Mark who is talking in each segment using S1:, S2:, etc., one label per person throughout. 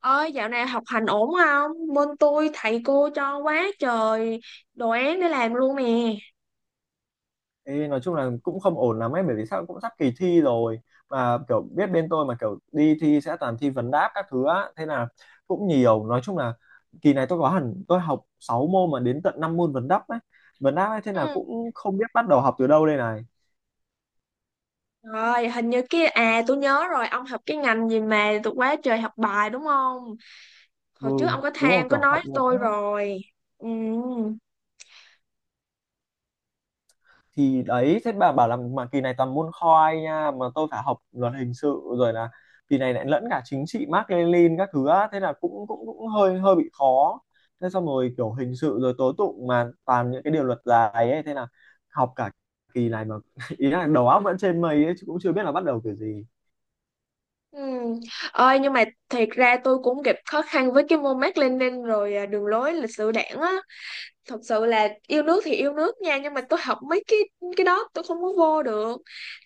S1: Ơi dạo này học hành ổn không? Bên tôi thầy cô cho quá trời đồ án để làm luôn nè.
S2: Ê, nói chung là cũng không ổn lắm ấy, bởi vì sao cũng sắp kỳ thi rồi mà kiểu biết bên tôi mà kiểu đi thi sẽ toàn thi vấn đáp các thứ á, thế là cũng nhiều, nói chung là kỳ này tôi có hẳn tôi học 6 môn mà đến tận 5 môn Vấn đáp ấy thế là
S1: Ừ.
S2: cũng không biết bắt đầu học từ đâu đây này.
S1: Rồi hình như cái à tôi nhớ rồi, ông học cái ngành gì mà tôi quá trời học bài đúng không?
S2: Ừ,
S1: Hồi trước ông có
S2: đúng không,
S1: than, có
S2: kiểu
S1: nói
S2: học
S1: với
S2: một á.
S1: tôi rồi. Ừ.
S2: Thì đấy, thế bà bảo là mà kỳ này toàn môn khoi nha, mà tôi phải học luật hình sự rồi là kỳ này lại lẫn cả chính trị Mác Lênin các thứ á, thế là cũng cũng cũng hơi hơi bị khó. Thế xong rồi kiểu hình sự rồi tố tụng mà toàn những cái điều luật dài ấy, thế là học cả kỳ này mà ý là đầu óc vẫn trên mây ấy chứ cũng chưa biết là bắt đầu kiểu gì.
S1: Ừ. Ơi nhưng mà thiệt ra tôi cũng gặp khó khăn với cái môn Mác Lênin rồi à, đường lối lịch sử đảng á. Thật sự là yêu nước thì yêu nước nha, nhưng mà tôi học mấy cái đó tôi không có vô được.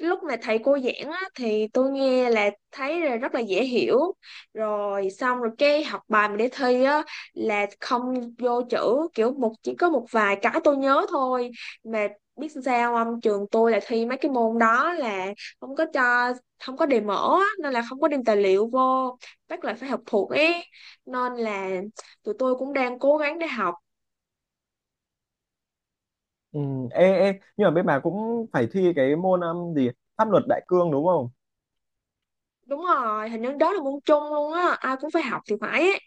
S1: Lúc mà thầy cô giảng á, thì tôi nghe là thấy là rất là dễ hiểu, rồi xong rồi cái học bài mình để thi á là không vô chữ, kiểu một chỉ có một vài cái tôi nhớ thôi. Mà biết sao không, trường tôi là thi mấy cái môn đó là không có cho, không có đề mở á, nên là không có đem tài liệu vô, bắt là phải học thuộc ý, nên là tụi tôi cũng đang cố gắng để học.
S2: Ừ, ê, nhưng mà bên bà cũng phải thi cái môn gì, pháp luật đại cương đúng không?
S1: Đúng rồi, hình như đó là môn chung luôn á, ai cũng phải học thì phải ấy.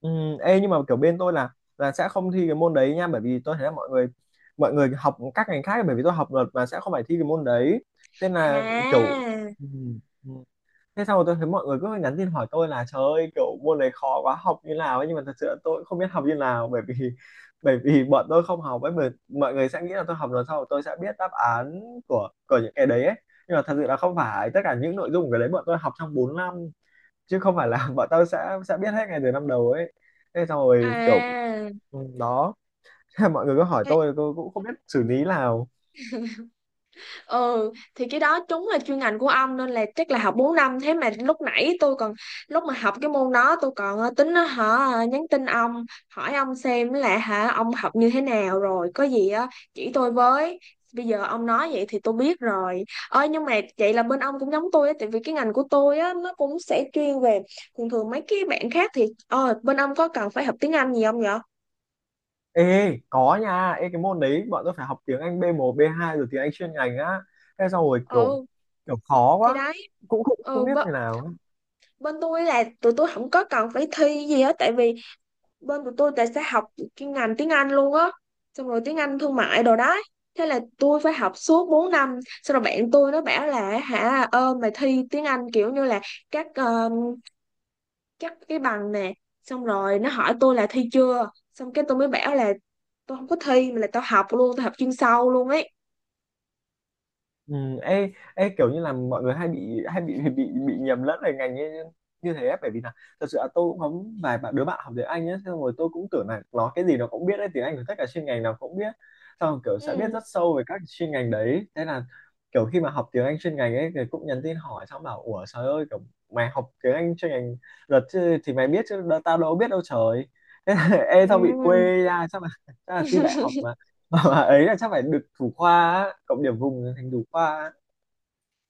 S2: Ừ, ê, nhưng mà kiểu bên tôi là sẽ không thi cái môn đấy nha, bởi vì tôi thấy là mọi người học các ngành khác, bởi vì tôi học luật mà sẽ không phải thi cái môn đấy, nên là kiểu
S1: À,
S2: ừ, ừ. Thế xong rồi tôi thấy mọi người cứ nhắn tin hỏi tôi là trời ơi, kiểu môn đấy khó quá, học như nào ấy, nhưng mà thật sự là tôi cũng không biết học như nào bởi vì bởi vì bọn tôi không học ấy, mà mọi người sẽ nghĩ là tôi học luật, sau rồi tôi sẽ biết đáp án của những cái đấy ấy. Nhưng mà thật sự là không phải tất cả những nội dung của cái đấy bọn tôi học trong 4 năm, chứ không phải là bọn tao sẽ biết hết ngay từ năm đầu ấy. Thế xong rồi kiểu
S1: à,
S2: ừ, đó. Mọi người cứ hỏi tôi cũng không biết xử lý nào.
S1: ừ thì cái đó đúng là chuyên ngành của ông nên là chắc là học 4 năm. Thế mà lúc nãy tôi còn, lúc mà học cái môn đó tôi còn tính nó, hả, nhắn tin ông hỏi ông xem là, hả, ông học như thế nào rồi có gì á chỉ tôi với. Bây giờ ông nói vậy thì tôi biết rồi. Ơi nhưng mà vậy là bên ông cũng giống tôi á, tại vì cái ngành của tôi á nó cũng sẽ chuyên về, thường thường mấy cái bạn khác thì, bên ông có cần phải học tiếng Anh gì không vậy?
S2: Ê, có nha, ê cái môn đấy bọn tôi phải học tiếng Anh b một b hai rồi tiếng Anh chuyên ngành á, thế xong rồi kiểu
S1: Ừ.
S2: kiểu khó
S1: Thì
S2: quá,
S1: đấy.
S2: cũng không không
S1: Ừ.
S2: biết như nào.
S1: Bên tôi là tụi tôi không có cần phải thi gì hết, tại vì bên của tôi tại sẽ học cái ngành tiếng Anh luôn á, xong rồi tiếng Anh thương mại đồ đó. Thế là tôi phải học suốt 4 năm, xong rồi bạn tôi nó bảo là, hả, ơ, mày thi tiếng Anh kiểu như là các ờ, các cái bằng nè. Xong rồi nó hỏi tôi là thi chưa, xong cái tôi mới bảo là tôi không có thi mà là tao học luôn, tao học chuyên sâu luôn ấy.
S2: Ừ, ê, kiểu như là mọi người hay bị nhầm lẫn về ngành như thế ấy, bởi vì là thật sự là tôi cũng có vài bạn, đứa bạn học tiếng Anh ấy, xong rồi tôi cũng tưởng là nó cái gì nó cũng biết đấy, tiếng Anh của tất cả chuyên ngành nào cũng biết, xong rồi kiểu sẽ biết
S1: Ừ.
S2: rất sâu về các chuyên ngành đấy, thế là kiểu khi mà học tiếng Anh chuyên ngành ấy thì cũng nhắn tin hỏi, xong bảo ủa trời ơi kiểu mày học tiếng Anh chuyên ngành luật chứ, thì mày biết chứ, tao đâu biết đâu trời. Thế là, ê tao bị quê ra, chắc là thi đại
S1: Ừ.
S2: học mà bà ấy là chắc phải được thủ khoa á, cộng điểm vùng thành thủ khoa á.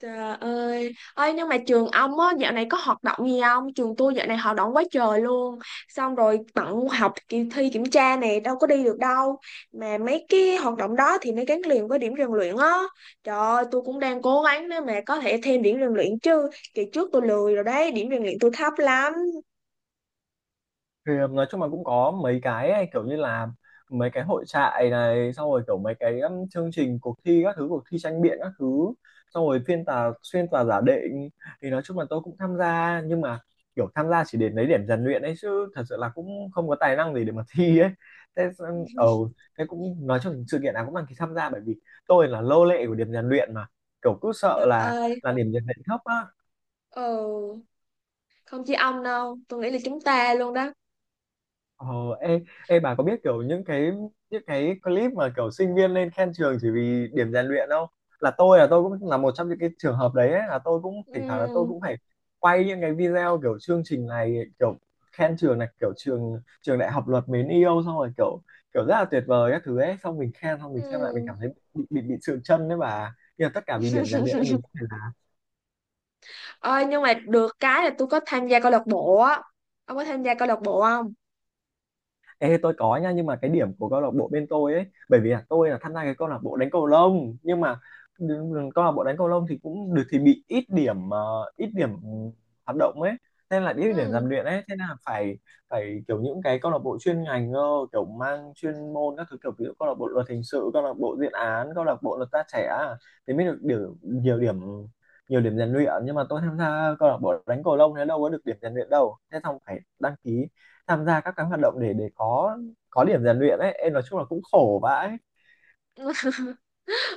S1: Trời ơi, ơi nhưng mà trường ông á dạo này có hoạt động gì không? Trường tôi dạo này hoạt động quá trời luôn. Xong rồi bận học, kỳ thi, kiểm tra này đâu có đi được đâu. Mà mấy cái hoạt động đó thì nó gắn liền với điểm rèn luyện á. Trời ơi, tôi cũng đang cố gắng để mà có thể thêm điểm rèn luyện chứ. Kỳ trước tôi lười rồi đấy, điểm rèn luyện tôi thấp lắm.
S2: Thì nói chung là cũng có mấy cái ấy, kiểu như là mấy cái hội trại này, xong rồi kiểu mấy cái chương trình cuộc thi các thứ, cuộc thi tranh biện các thứ, xong rồi phiên tòa xuyên tòa giả định, thì nói chung là tôi cũng tham gia, nhưng mà kiểu tham gia chỉ để lấy điểm rèn luyện ấy chứ thật sự là cũng không có tài năng gì để mà thi ấy. Thế thế cũng nói chung sự kiện nào cũng đăng ký tham gia, bởi vì tôi là lô lệ của điểm rèn luyện mà, kiểu cứ sợ
S1: Trời
S2: là
S1: ơi,
S2: điểm rèn luyện thấp á.
S1: ừ, không chỉ ông đâu, tôi nghĩ là chúng ta luôn đó.
S2: Ờ, ê, ê bà có biết kiểu những cái clip mà kiểu sinh viên lên khen trường chỉ vì điểm rèn luyện không? Là tôi cũng là một trong những cái trường hợp đấy ấy, là tôi cũng thỉnh thoảng là tôi
S1: Ừ,
S2: cũng phải quay những cái video kiểu chương trình này, kiểu khen trường này, kiểu trường trường đại học luật mến yêu, xong rồi kiểu kiểu rất là tuyệt vời các thứ ấy, xong mình khen xong mình xem lại mình
S1: ừ.
S2: cảm thấy bị sượng chân đấy bà, nhưng mà tất cả vì điểm rèn luyện ấy mình.
S1: Ơi nhưng mà được cái là tôi có tham gia câu lạc bộ á. Ông có tham gia câu lạc bộ không?
S2: Ê, tôi có nha, nhưng mà cái điểm của câu lạc bộ bên tôi ấy, bởi vì là tôi là tham gia cái câu lạc bộ đánh cầu lông, nhưng mà câu lạc bộ đánh cầu lông thì cũng được thì bị ít điểm, ít điểm hoạt động ấy, nên là ít điểm rèn
S1: Ừ.
S2: luyện ấy, thế là phải phải kiểu những cái câu lạc bộ chuyên ngành cơ, kiểu mang chuyên môn các thứ, kiểu ví dụ câu lạc bộ luật hình sự, câu lạc bộ diện án, câu lạc bộ luật gia trẻ à, thì mới được điểm, nhiều điểm nhiều điểm rèn luyện. Nhưng mà tôi tham gia câu lạc bộ đánh cầu lông thế đâu có được điểm rèn luyện đâu, thế xong phải đăng ký tham gia các cái hoạt động để có điểm rèn luyện ấy, em nói chung là cũng khổ vãi.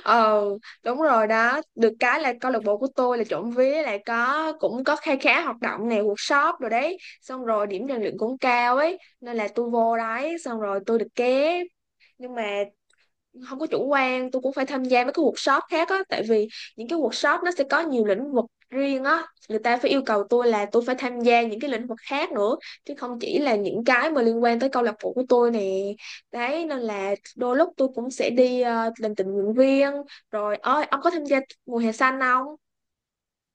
S1: Ờ, đúng rồi đó, được cái là câu lạc bộ của tôi là trộm vía lại có, cũng có khá khá hoạt động này, workshop rồi đấy. Xong rồi điểm rèn luyện cũng cao ấy, nên là tôi vô đấy xong rồi tôi được ké. Nhưng mà không có chủ quan, tôi cũng phải tham gia mấy cái workshop khác á, tại vì những cái workshop nó sẽ có nhiều lĩnh vực riêng á, người ta phải yêu cầu tôi là tôi phải tham gia những cái lĩnh vực khác nữa, chứ không chỉ là những cái mà liên quan tới câu lạc bộ của tôi nè. Đấy, nên là đôi lúc tôi cũng sẽ đi làm tình nguyện viên rồi. Ơi ông có tham gia mùa hè xanh không?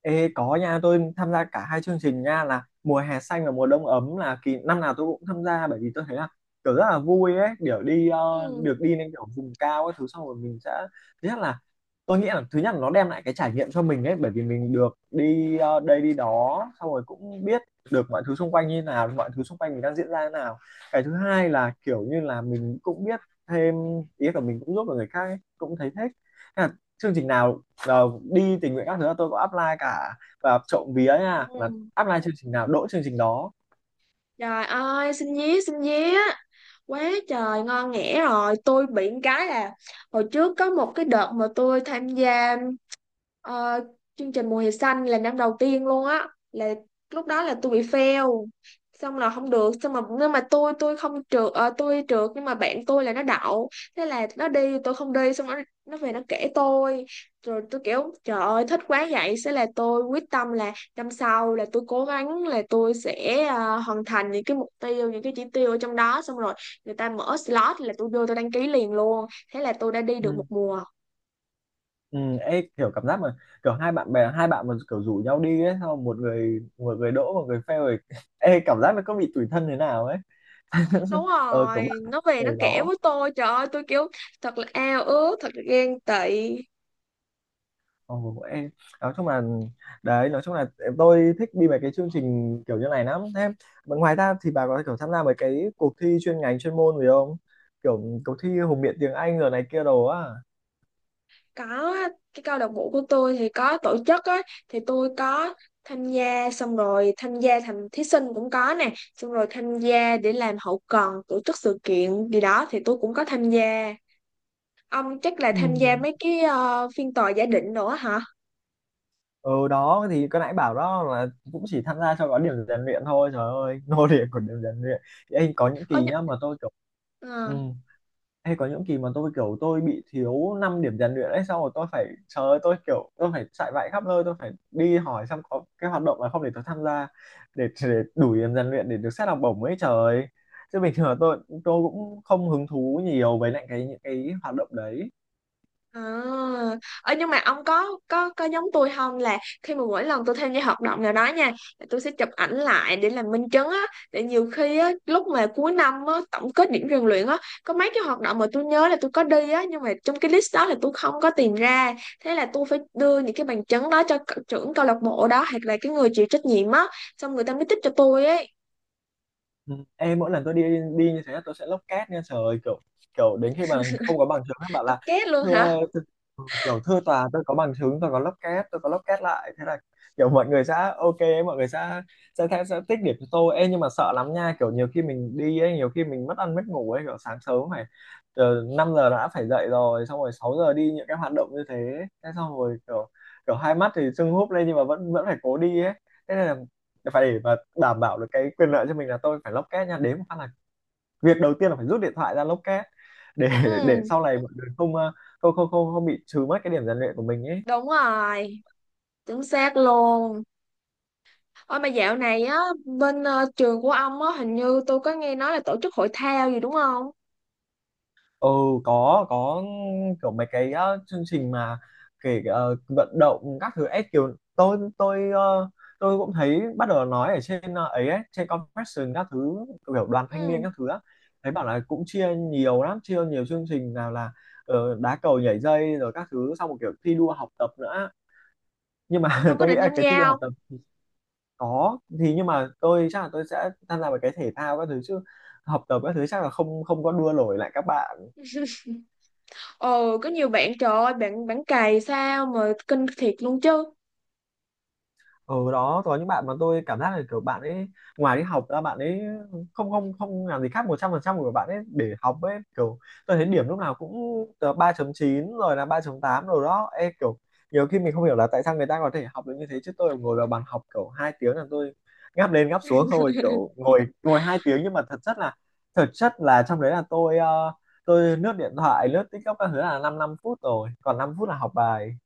S2: Ê, có nha, tôi tham gia cả hai chương trình nha, là mùa hè xanh và mùa đông ấm, là kỳ năm nào tôi cũng tham gia, bởi vì tôi thấy là kiểu rất là vui ấy, kiểu đi
S1: Ừ.
S2: được đi lên kiểu vùng cao các thứ, xong rồi mình sẽ thứ nhất là tôi nghĩ là thứ nhất là nó đem lại cái trải nghiệm cho mình ấy, bởi vì mình được đi đây đi đó, xong rồi cũng biết được mọi thứ xung quanh như nào, mọi thứ xung quanh mình đang diễn ra như nào, cái thứ hai là kiểu như là mình cũng biết thêm, ý là mình cũng giúp được người khác ấy, cũng thấy thích. Thế là chương trình nào, ờ, đi tình nguyện các thứ là tôi có apply cả, và trộm vía nha là
S1: Ừ.
S2: apply chương trình nào đỗ chương trình đó.
S1: Trời ơi, xin nhé, xin nhé. Quá trời, ngon nghẻ rồi. Tôi bị một cái là hồi trước có một cái đợt mà tôi tham gia Ờ, chương trình Mùa hè xanh là năm đầu tiên luôn á, là lúc đó là tôi bị fail, xong là không được. Xong mà nhưng mà tôi không trượt, tôi trượt nhưng mà bạn tôi là nó đậu, thế là nó đi, tôi không đi. Xong nó về nó kể tôi, rồi tôi kiểu trời ơi thích quá vậy. Thế là tôi quyết tâm là năm sau là tôi cố gắng là tôi sẽ hoàn thành những cái mục tiêu, những cái chỉ tiêu ở trong đó. Xong rồi người ta mở slot là tôi vô tôi đăng ký liền luôn, thế là tôi đã đi được
S2: Ừ.
S1: một mùa.
S2: Ừ, ê, kiểu cảm giác mà kiểu hai bạn bè, hai bạn mà kiểu rủ nhau đi ấy, sau một người đỗ một người fail rồi. Ê cảm giác nó có bị tủi thân thế nào ấy.
S1: Đúng
S2: Ờ kiểu
S1: rồi,
S2: bạn
S1: nó về
S2: ở
S1: nó kể
S2: đó,
S1: với tôi, trời ơi tôi kiểu thật là ao ước, thật là ghen tị.
S2: ồ ê, nói chung là đấy, nói chung là tôi thích đi mấy cái chương trình kiểu như này lắm. Thế mà ngoài ra thì bà có kiểu tham gia mấy cái cuộc thi chuyên ngành, chuyên môn gì không, kiểu cuộc thi hùng biện tiếng Anh rồi này kia đồ á?
S1: Có, cái câu lạc bộ của tôi thì có tổ chức á, thì tôi có tham gia. Xong rồi tham gia thành thí sinh cũng có nè, xong rồi tham gia để làm hậu cần tổ chức sự kiện gì đó thì tôi cũng có tham gia. Ông chắc là tham gia
S2: Ừ.
S1: mấy cái phiên tòa giả định nữa hả?
S2: Ừ đó, thì cái nãy bảo đó là cũng chỉ tham gia cho có điểm rèn luyện thôi, trời ơi, nô lệ của điểm rèn luyện. Thì anh có những
S1: ờ,
S2: kỳ
S1: nh-
S2: nhá mà tôi kiểu ừ,
S1: ờ.
S2: hay có những kỳ mà tôi kiểu tôi bị thiếu 5 điểm rèn luyện ấy, xong rồi tôi phải, trời ơi tôi kiểu tôi phải chạy vạy khắp nơi, tôi phải đi hỏi xem có cái hoạt động là không để tôi tham gia, để đủ điểm rèn luyện để được xét học bổng ấy trời, chứ bình thường là tôi cũng không hứng thú nhiều với lại cái những cái hoạt động đấy.
S1: À, ờ, nhưng mà ông có giống tôi không, là khi mà mỗi lần tôi tham gia hoạt động nào đó nha, là tôi sẽ chụp ảnh lại để làm minh chứng á, để nhiều khi á lúc mà cuối năm á tổng kết điểm rèn luyện á, có mấy cái hoạt động mà tôi nhớ là tôi có đi á nhưng mà trong cái list đó là tôi không có tìm ra. Thế là tôi phải đưa những cái bằng chứng đó cho trưởng câu lạc bộ đó, hoặc là cái người chịu trách nhiệm á, xong người ta mới tích cho tôi ấy.
S2: Ừ. Ê, mỗi lần tôi đi đi như thế tôi sẽ lốc két nha, trời ơi, kiểu kiểu đến khi mà không có bằng chứng nó bảo
S1: Tôi
S2: là
S1: két luôn hả?
S2: thưa thưa- ừ, kiểu thưa tòa tôi có bằng chứng, tôi có lốc két lại, thế là kiểu mọi người sẽ ok, mọi người sẽ tích điểm cho tôi. Ê, nhưng mà sợ lắm nha, kiểu nhiều khi mình đi ấy, nhiều khi mình mất ăn mất ngủ ấy, kiểu sáng sớm phải 5 giờ đã phải dậy rồi, xong rồi 6 giờ đi những cái hoạt động như thế, thế xong rồi kiểu kiểu hai mắt thì sưng húp lên, nhưng mà vẫn vẫn phải cố đi ấy, thế nên là phải để mà đảm bảo được cái quyền lợi cho mình là tôi phải lock két nha, đến một phát là việc đầu tiên là phải rút điện thoại ra lock két, để để
S1: Ừ,
S2: sau này mọi người không không không không không bị trừ mất cái điểm rèn luyện của mình ấy.
S1: đúng rồi, chính xác luôn. Ôi mà dạo này á bên trường của ông á, hình như tôi có nghe nói là tổ chức hội thao gì đúng không?
S2: Ừ, có kiểu mấy cái chương trình mà kể vận động các thứ ấy, kiểu tôi cũng thấy bắt đầu nói ở trên ấy, trên confession các thứ, kiểu đoàn thanh niên
S1: Ừ,
S2: các thứ á, thấy bảo là cũng chia nhiều lắm, chia nhiều chương trình nào là đá cầu, nhảy dây rồi các thứ, xong một kiểu thi đua học tập nữa, nhưng mà
S1: ông có
S2: tôi nghĩ
S1: định
S2: là
S1: tham
S2: cái thi
S1: gia
S2: đua học
S1: không?
S2: tập có thì nhưng mà tôi chắc là tôi sẽ tham gia vào cái thể thao các thứ chứ học tập các thứ chắc là không không có đua nổi lại các bạn.
S1: Ồ, có nhiều bạn trời ơi, bạn bạn cày sao mà kinh thiệt luôn chứ.
S2: Ở đó có những bạn mà tôi cảm giác là kiểu bạn ấy ngoài đi học ra bạn ấy không không không làm gì khác, 100% của bạn ấy để học ấy, kiểu tôi thấy điểm lúc nào cũng từ 3.9 rồi là 3.8 rồi đó. Ê, kiểu nhiều khi mình không hiểu là tại sao người ta có thể học được như thế, chứ tôi ngồi vào bàn học kiểu hai tiếng là tôi ngáp lên ngáp xuống thôi, kiểu ngồi ngồi hai tiếng nhưng mà thật chất là, thực chất là trong đấy là tôi tôi lướt điện thoại lướt TikTok các thứ là 5 năm năm phút rồi còn 5 phút là học bài.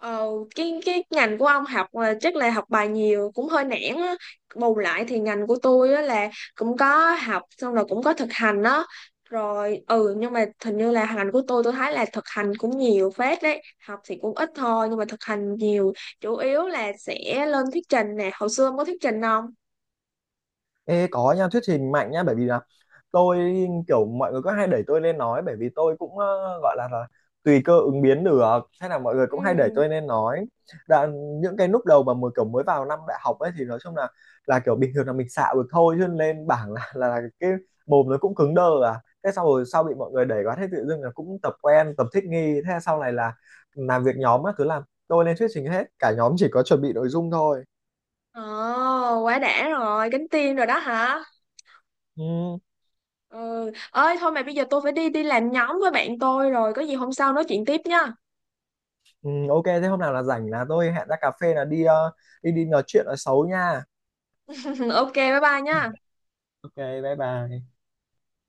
S1: Ờ, cái ngành của ông học là chắc là học bài nhiều cũng hơi nản á. Bù lại thì ngành của tôi á là cũng có học xong rồi cũng có thực hành á. Rồi, ừ, nhưng mà hình như là ngành của tôi thấy là thực hành cũng nhiều phết đấy. Học thì cũng ít thôi nhưng mà thực hành nhiều. Chủ yếu là sẽ lên thuyết trình nè. Hồi xưa ông có thuyết trình không?
S2: Ê, có nha, thuyết trình mạnh nha bởi vì là tôi kiểu mọi người có hay đẩy tôi lên nói, bởi vì tôi cũng gọi là, tùy cơ ứng biến được, hay là mọi người
S1: Ừ.
S2: cũng hay đẩy tôi lên nói. Đoạn, những cái lúc đầu mà mới kiểu mới vào năm đại học ấy thì nói chung là kiểu bình thường là mình xạo được thôi, chứ lên bảng là, là cái mồm nó cũng cứng đơ à, thế sau rồi sau bị mọi người đẩy quá, thế tự dưng là cũng tập quen tập thích nghi, thế sau này là làm việc nhóm á, cứ làm tôi lên thuyết trình hết, cả nhóm chỉ có chuẩn bị nội dung thôi.
S1: Ồ, quá đã rồi, cánh tiên rồi đó hả?
S2: Ừ.
S1: Ừ. Ơi thôi mà bây giờ tôi phải đi, đi làm nhóm với bạn tôi rồi, có gì hôm sau nói chuyện tiếp nha.
S2: Ừ, ok, thế hôm nào là rảnh là tôi hẹn ra cà phê là đi ờ, đi đi nói chuyện ở xấu nha.
S1: ok bye bye nhá
S2: Ok, bye bye.